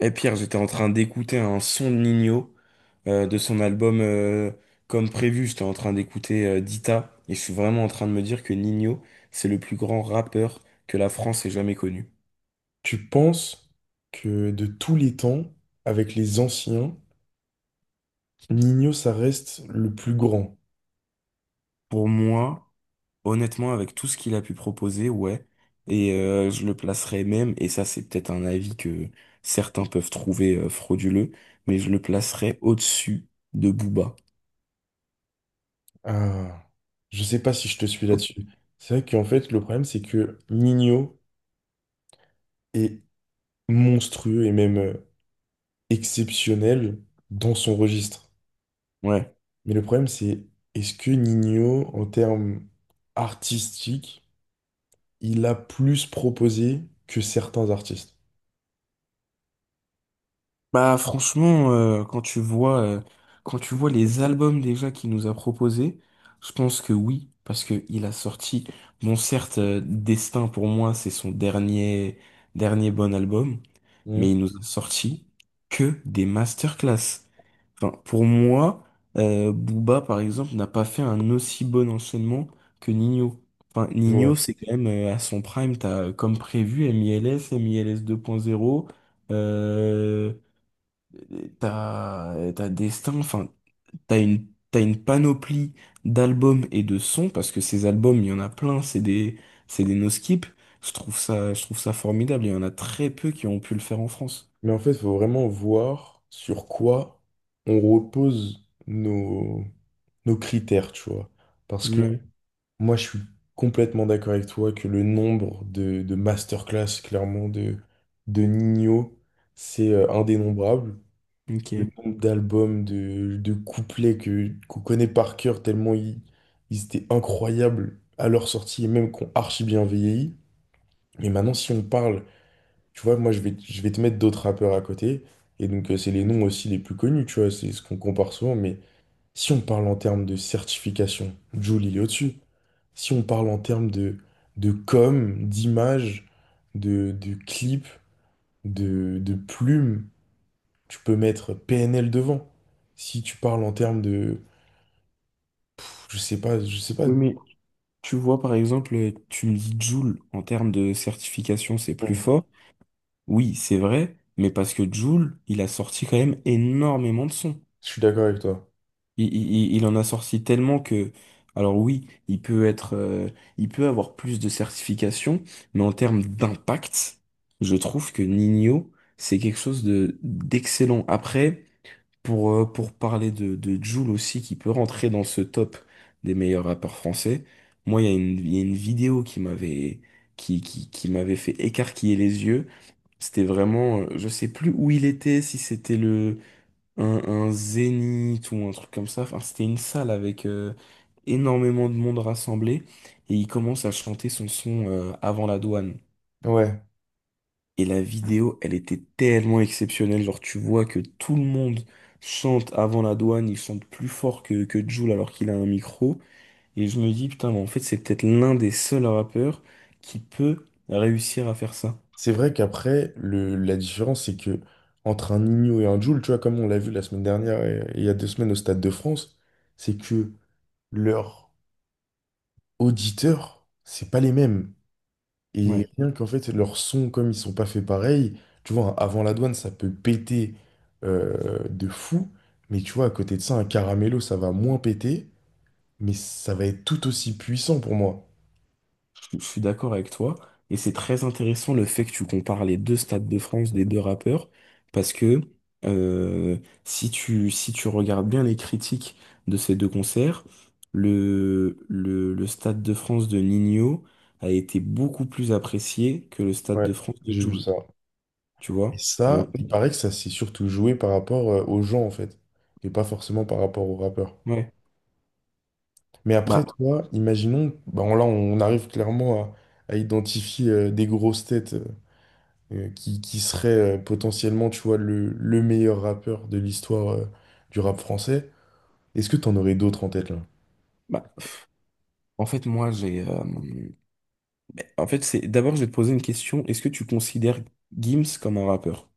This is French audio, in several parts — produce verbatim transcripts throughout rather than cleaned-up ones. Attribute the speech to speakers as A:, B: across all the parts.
A: Et Pierre, j'étais en train d'écouter un son de Nino euh, de son album euh, Comme prévu. J'étais en train d'écouter euh, Dita et je suis vraiment en train de me dire que Nino, c'est le plus grand rappeur que la France ait jamais connu.
B: Tu penses que de tous les temps, avec les anciens, Nino, ça reste le plus grand.
A: Pour moi, honnêtement, avec tout ce qu'il a pu proposer, ouais. Et euh, je le placerais même, et ça c'est peut-être un avis que certains peuvent trouver euh, frauduleux, mais je le placerais au-dessus de Booba.
B: Ah, je sais pas si je te suis là-dessus. C'est vrai qu'en fait, le problème, c'est que Nino est monstrueux et même euh, exceptionnel dans son registre.
A: Ouais.
B: Mais le problème, c'est est-ce que Nino, en termes artistiques, il a plus proposé que certains artistes?
A: Bah franchement, euh, quand tu vois, euh, quand tu vois les albums déjà qu'il nous a proposés, je pense que oui, parce que il a sorti, bon certes, euh, Destin pour moi c'est son dernier dernier bon album, mais
B: Hmm,
A: il nous a sorti que des masterclass. Enfin, pour moi, euh, Booba par exemple n'a pas fait un aussi bon enchaînement que Nino. Enfin,
B: je
A: Nino
B: vois.
A: c'est quand même euh, à son prime, t'as euh, comme prévu M I L S, M I L S deux point zéro. T'as, t'as Destin, enfin, t'as une, t'as une panoplie d'albums et de sons, parce que ces albums, il y en a plein, c'est des, c'est des no-skip. Je trouve ça, je trouve ça formidable, il y en a très peu qui ont pu le faire en France.
B: Mais en fait, il faut vraiment voir sur quoi on repose nos, nos critères, tu vois. Parce que
A: Ouais,
B: moi, je suis complètement d'accord avec toi que le nombre de, de masterclass, clairement, de, de Nino, c'est euh, indénombrable. Le
A: ok.
B: nombre d'albums, de, de couplets que, qu'on connaît par cœur, tellement ils, ils étaient incroyables à leur sortie et même qu'on archi bien vieilli. Mais maintenant, si on parle tu vois, moi, je vais, je vais te mettre d'autres rappeurs à côté. Et donc, euh, c'est les noms aussi les plus connus, tu vois, c'est ce qu'on compare souvent. Mais si on parle en termes de certification, Jul, il est au-dessus. Si on parle en termes de, de com, d'image, de, de clip, de, de plume, tu peux mettre P N L devant. Si tu parles en termes de... Je sais pas, je sais pas.
A: Oui, mais tu vois, par exemple, tu me dis Joule, en termes de certification, c'est plus fort. Oui, c'est vrai, mais parce que Joule, il a sorti quand même énormément de sons.
B: Je suis d'accord avec toi.
A: Il, il- il en a sorti tellement que, alors oui, il peut être, euh, il peut avoir plus de certifications, mais en termes d'impact, je trouve que Nino, c'est quelque chose de d'excellent. Après, pour, euh, pour parler de, de Jul aussi, qui peut rentrer dans ce top des meilleurs rappeurs français, moi, il y a une, il y a une vidéo qui m'avait, qui, qui, qui m'avait fait écarquiller les yeux. C'était vraiment, euh, je sais plus où il était, si c'était le un, un zénith ou un truc comme ça. Enfin, c'était une salle avec euh, énormément de monde rassemblé et il commence à chanter son son euh, avant la douane.
B: Ouais.
A: Et la vidéo, elle était tellement exceptionnelle. Genre, tu vois que tout le monde chante avant la douane, il chante plus fort que, que Jul alors qu'il a un micro. Et je me dis, putain, mais en fait, c'est peut-être l'un des seuls rappeurs qui peut réussir à faire ça.
B: C'est vrai qu'après, le, la différence, c'est que entre un Nino et un Jul, tu vois, comme on l'a vu la semaine dernière et, et il y a deux semaines au Stade de France, c'est que leurs auditeurs, c'est pas les mêmes.
A: Ouais.
B: Et rien qu'en fait, leurs sons, comme ils sont pas faits pareil, tu vois, un avant la douane, ça peut péter euh, de fou, mais tu vois, à côté de ça, un caramello, ça va moins péter, mais ça va être tout aussi puissant pour moi.
A: Je suis d'accord avec toi. Et c'est très intéressant le fait que tu compares les deux Stades de France des deux rappeurs. Parce que euh, si tu, si tu regardes bien les critiques de ces deux concerts, le, le, le Stade de France de Nino a été beaucoup plus apprécié que le Stade de
B: Ouais,
A: France de
B: j'ai vu
A: Jul.
B: ça.
A: Tu
B: Et
A: vois? Et en
B: ça,
A: fait,
B: il paraît que ça s'est surtout joué par rapport euh, aux gens, en fait, et pas forcément par rapport aux rappeurs.
A: ouais.
B: Mais après,
A: Bah,
B: toi, imaginons, bah, là, on arrive clairement à, à identifier euh, des grosses têtes euh, euh, qui, qui seraient euh, potentiellement, tu vois, le, le meilleur rappeur de l'histoire euh, du rap français. Est-ce que t'en aurais d'autres en tête, là?
A: bah, en fait, moi, j'ai euh, en fait, c'est, d'abord, je vais te poser une question. Est-ce que tu considères Gims comme un rappeur?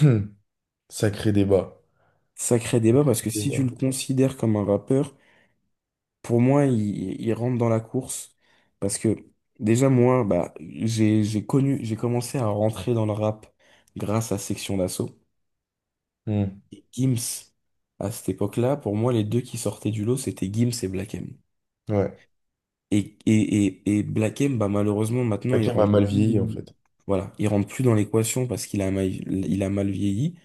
B: Hum, Sacré débat.
A: Sacré débat
B: Sacré
A: parce que si tu le
B: débat.
A: considères comme un rappeur, pour moi, il, il rentre dans la course. Parce que déjà, moi, bah, j'ai, j'ai connu, j'ai commencé à rentrer dans le rap grâce à Section d'Assaut
B: Hum,
A: et Gims. À cette époque-là, pour moi, les deux qui sortaient du lot, c'était Gims et Black M.
B: Ouais.
A: Et, et, et, et Blakem, bah, malheureusement, maintenant, il
B: Hakim a
A: rentre
B: mal vieilli, en
A: plus,
B: fait.
A: voilà, il rentre plus dans l'équation parce qu'il a mal, il a mal vieilli.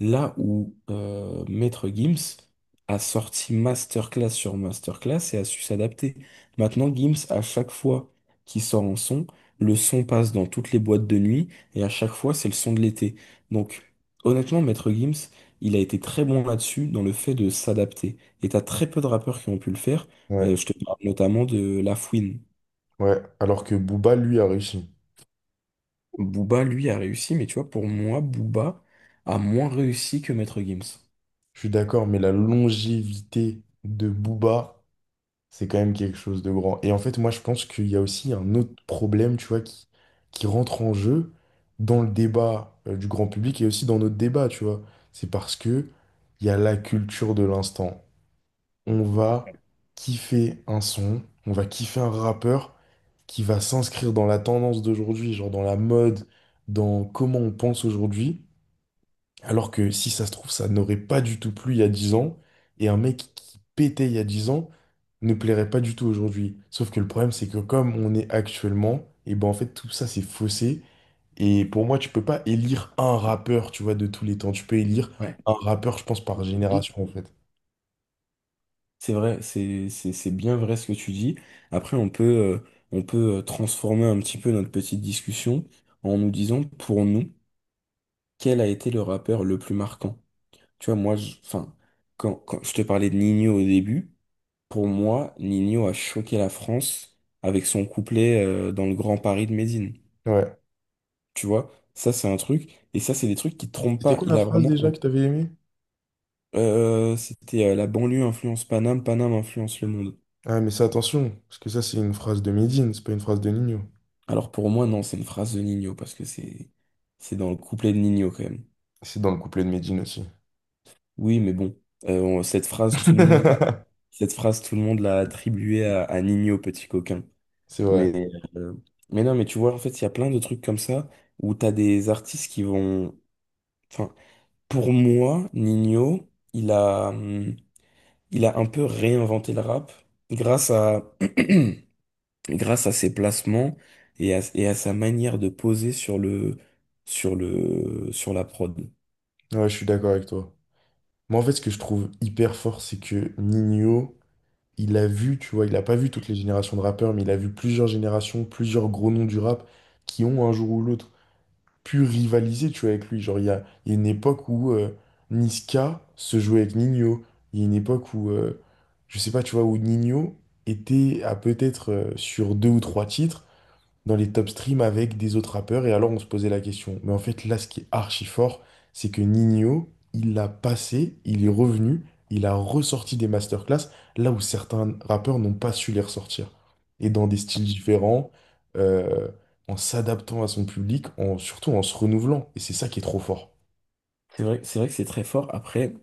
A: Là où euh, Maître Gims a sorti masterclass sur masterclass et a su s'adapter. Maintenant, Gims, à chaque fois qu'il sort un son, le son passe dans toutes les boîtes de nuit et à chaque fois, c'est le son de l'été. Donc, honnêtement, Maître Gims, il a été très bon là-dessus dans le fait de s'adapter. Et t'as très peu de rappeurs qui ont pu le faire. Euh,
B: Ouais,
A: je te parle notamment de La Fouine.
B: ouais. Alors que Booba, lui, a réussi.
A: Booba, lui, a réussi, mais tu vois, pour moi, Booba a moins réussi que Maître Gims.
B: Je suis d'accord, mais la longévité de Booba, c'est quand même quelque chose de grand. Et en fait, moi, je pense qu'il y a aussi un autre problème, tu vois, qui, qui rentre en jeu dans le débat euh, du grand public et aussi dans notre débat, tu vois. C'est parce que il y a la culture de l'instant. On va kiffer un son, on va kiffer un rappeur qui va s'inscrire dans la tendance d'aujourd'hui, genre dans la mode, dans comment on pense aujourd'hui. Alors que si ça se trouve, ça n'aurait pas du tout plu il y a dix ans, et un mec qui pétait il y a dix ans ne plairait pas du tout aujourd'hui. Sauf que le problème, c'est que comme on est actuellement, et ben en fait tout ça c'est faussé. Et pour moi, tu peux pas élire un rappeur, tu vois, de tous les temps. Tu peux élire
A: Ouais.
B: un rappeur, je pense, par
A: Mhm.
B: génération, en fait.
A: C'est vrai, c'est c'est- c'est bien vrai ce que tu dis. Après, on peut, euh, on peut euh, transformer un petit peu notre petite discussion en nous disant, pour nous, quel a été le rappeur le plus marquant? Tu vois, moi, je, enfin, quand, quand je te parlais de Nino au début, pour moi, Nino a choqué la France avec son couplet, euh, dans le Grand Paris de Médine.
B: Ouais.
A: Tu vois, ça c'est un truc. Et ça, c'est des trucs qui te trompent
B: C'était
A: pas.
B: quoi
A: Il
B: la
A: a
B: phrase
A: vraiment.
B: déjà que t'avais aimée?
A: Euh, c'était euh, la banlieue influence Paname, Paname influence le monde.
B: Ah, mais ça, attention, parce que ça, c'est une phrase de Medine, c'est pas une phrase de Nino.
A: Alors pour moi, non, c'est une phrase de Nino parce que c'est c'est dans le couplet de Nino quand même.
B: C'est dans le couplet de Medine aussi.
A: Oui, mais bon, euh, on- cette phrase, tout le monde, cette phrase, tout le monde l'a attribuée à, à Nino, petit coquin.
B: C'est vrai.
A: Mais, euh, mais non, mais tu vois, en fait, il y a plein de trucs comme ça où t'as des artistes qui vont. Enfin, pour moi, Nino, il a hum, il a un peu réinventé le rap grâce à, grâce à ses placements et à, et à sa manière de poser sur le, sur le, sur la prod.
B: Ouais, je suis d'accord avec toi. Moi, en fait, ce que je trouve hyper fort, c'est que Nino, il a vu, tu vois, il a pas vu toutes les générations de rappeurs, mais il a vu plusieurs générations, plusieurs gros noms du rap qui ont un jour ou l'autre pu rivaliser, tu vois, avec lui. Genre, il y a, il y a une époque où euh, Niska se jouait avec Nino. Il y a une époque où, euh, je sais pas, tu vois, où Nino était à peut-être euh, sur deux ou trois titres dans les top streams avec des autres rappeurs et alors on se posait la question. Mais en fait, là, ce qui est archi fort, c'est que Nino, il l'a passé, il est revenu, il a ressorti des masterclass là où certains rappeurs n'ont pas su les ressortir. Et dans des styles différents, euh, en s'adaptant à son public, en, surtout en se renouvelant. Et c'est ça qui est trop fort.
A: C'est vrai, c'est vrai que c'est très fort. Après,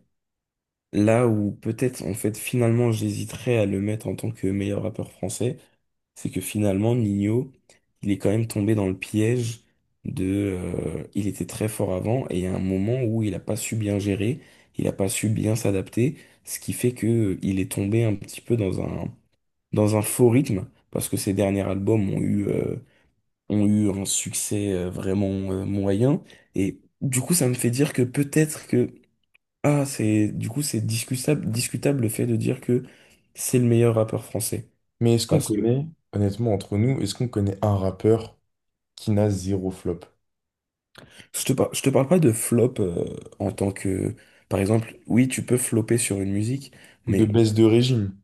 A: là où peut-être, en fait, finalement, j'hésiterais à le mettre en tant que meilleur rappeur français, c'est que finalement, Nino, il est quand même tombé dans le piège de... euh, il était très fort avant et il y a un moment où il n'a pas su bien gérer, il n'a pas su bien s'adapter, ce qui fait que euh, il est tombé un petit peu dans un, dans un faux rythme, parce que ses derniers albums ont eu, euh, ont eu un succès euh, vraiment euh, moyen. Et du coup, ça me fait dire que peut-être que... Ah, c'est, du coup, c'est discutable, discutable le fait de dire que c'est le meilleur rappeur français.
B: Mais est-ce qu'on
A: Parce que
B: connaît, honnêtement, entre nous, est-ce qu'on connaît un rappeur qui n'a zéro flop?
A: Je te, par- je te parle pas de flop euh, en tant que... Par exemple, oui, tu peux flopper sur une musique,
B: Ou de
A: mais
B: baisse de régime?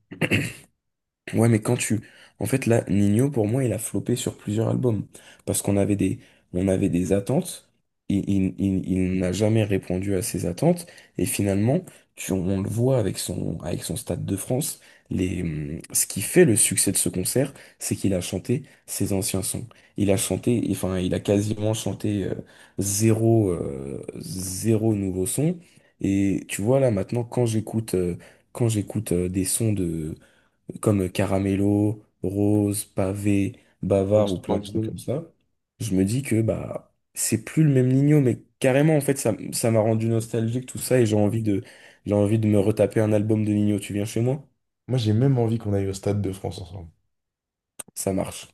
A: ouais, mais quand tu... En fait, là, Nino, pour moi, il a flopé sur plusieurs albums. Parce qu'on avait des, on avait des attentes. Il, il, il, il n'a jamais répondu à ces attentes. Et finalement, tu- on le voit avec son, avec son Stade de France. Les, hum, ce qui fait le succès de ce concert, c'est qu'il a chanté ses anciens sons. Il a chanté, enfin, il a quasiment chanté euh, zéro, euh, zéro nouveau son. Et tu vois, là, maintenant, quand j'écoute euh, quand j'écoute euh, des sons de comme Caramello, Rose, Pavé, Bavard
B: Parce
A: ou
B: ben,
A: plein de
B: dis
A: trucs
B: donc,
A: comme ça, je me dis que bah c'est plus le même Nino, mais carrément en fait ça, ça m'a rendu nostalgique tout ça et j'ai envie de j'ai envie de me retaper un album de Nino. Tu viens chez moi?
B: Moi, j'ai même envie qu'on aille au Stade de France ensemble.
A: Ça marche.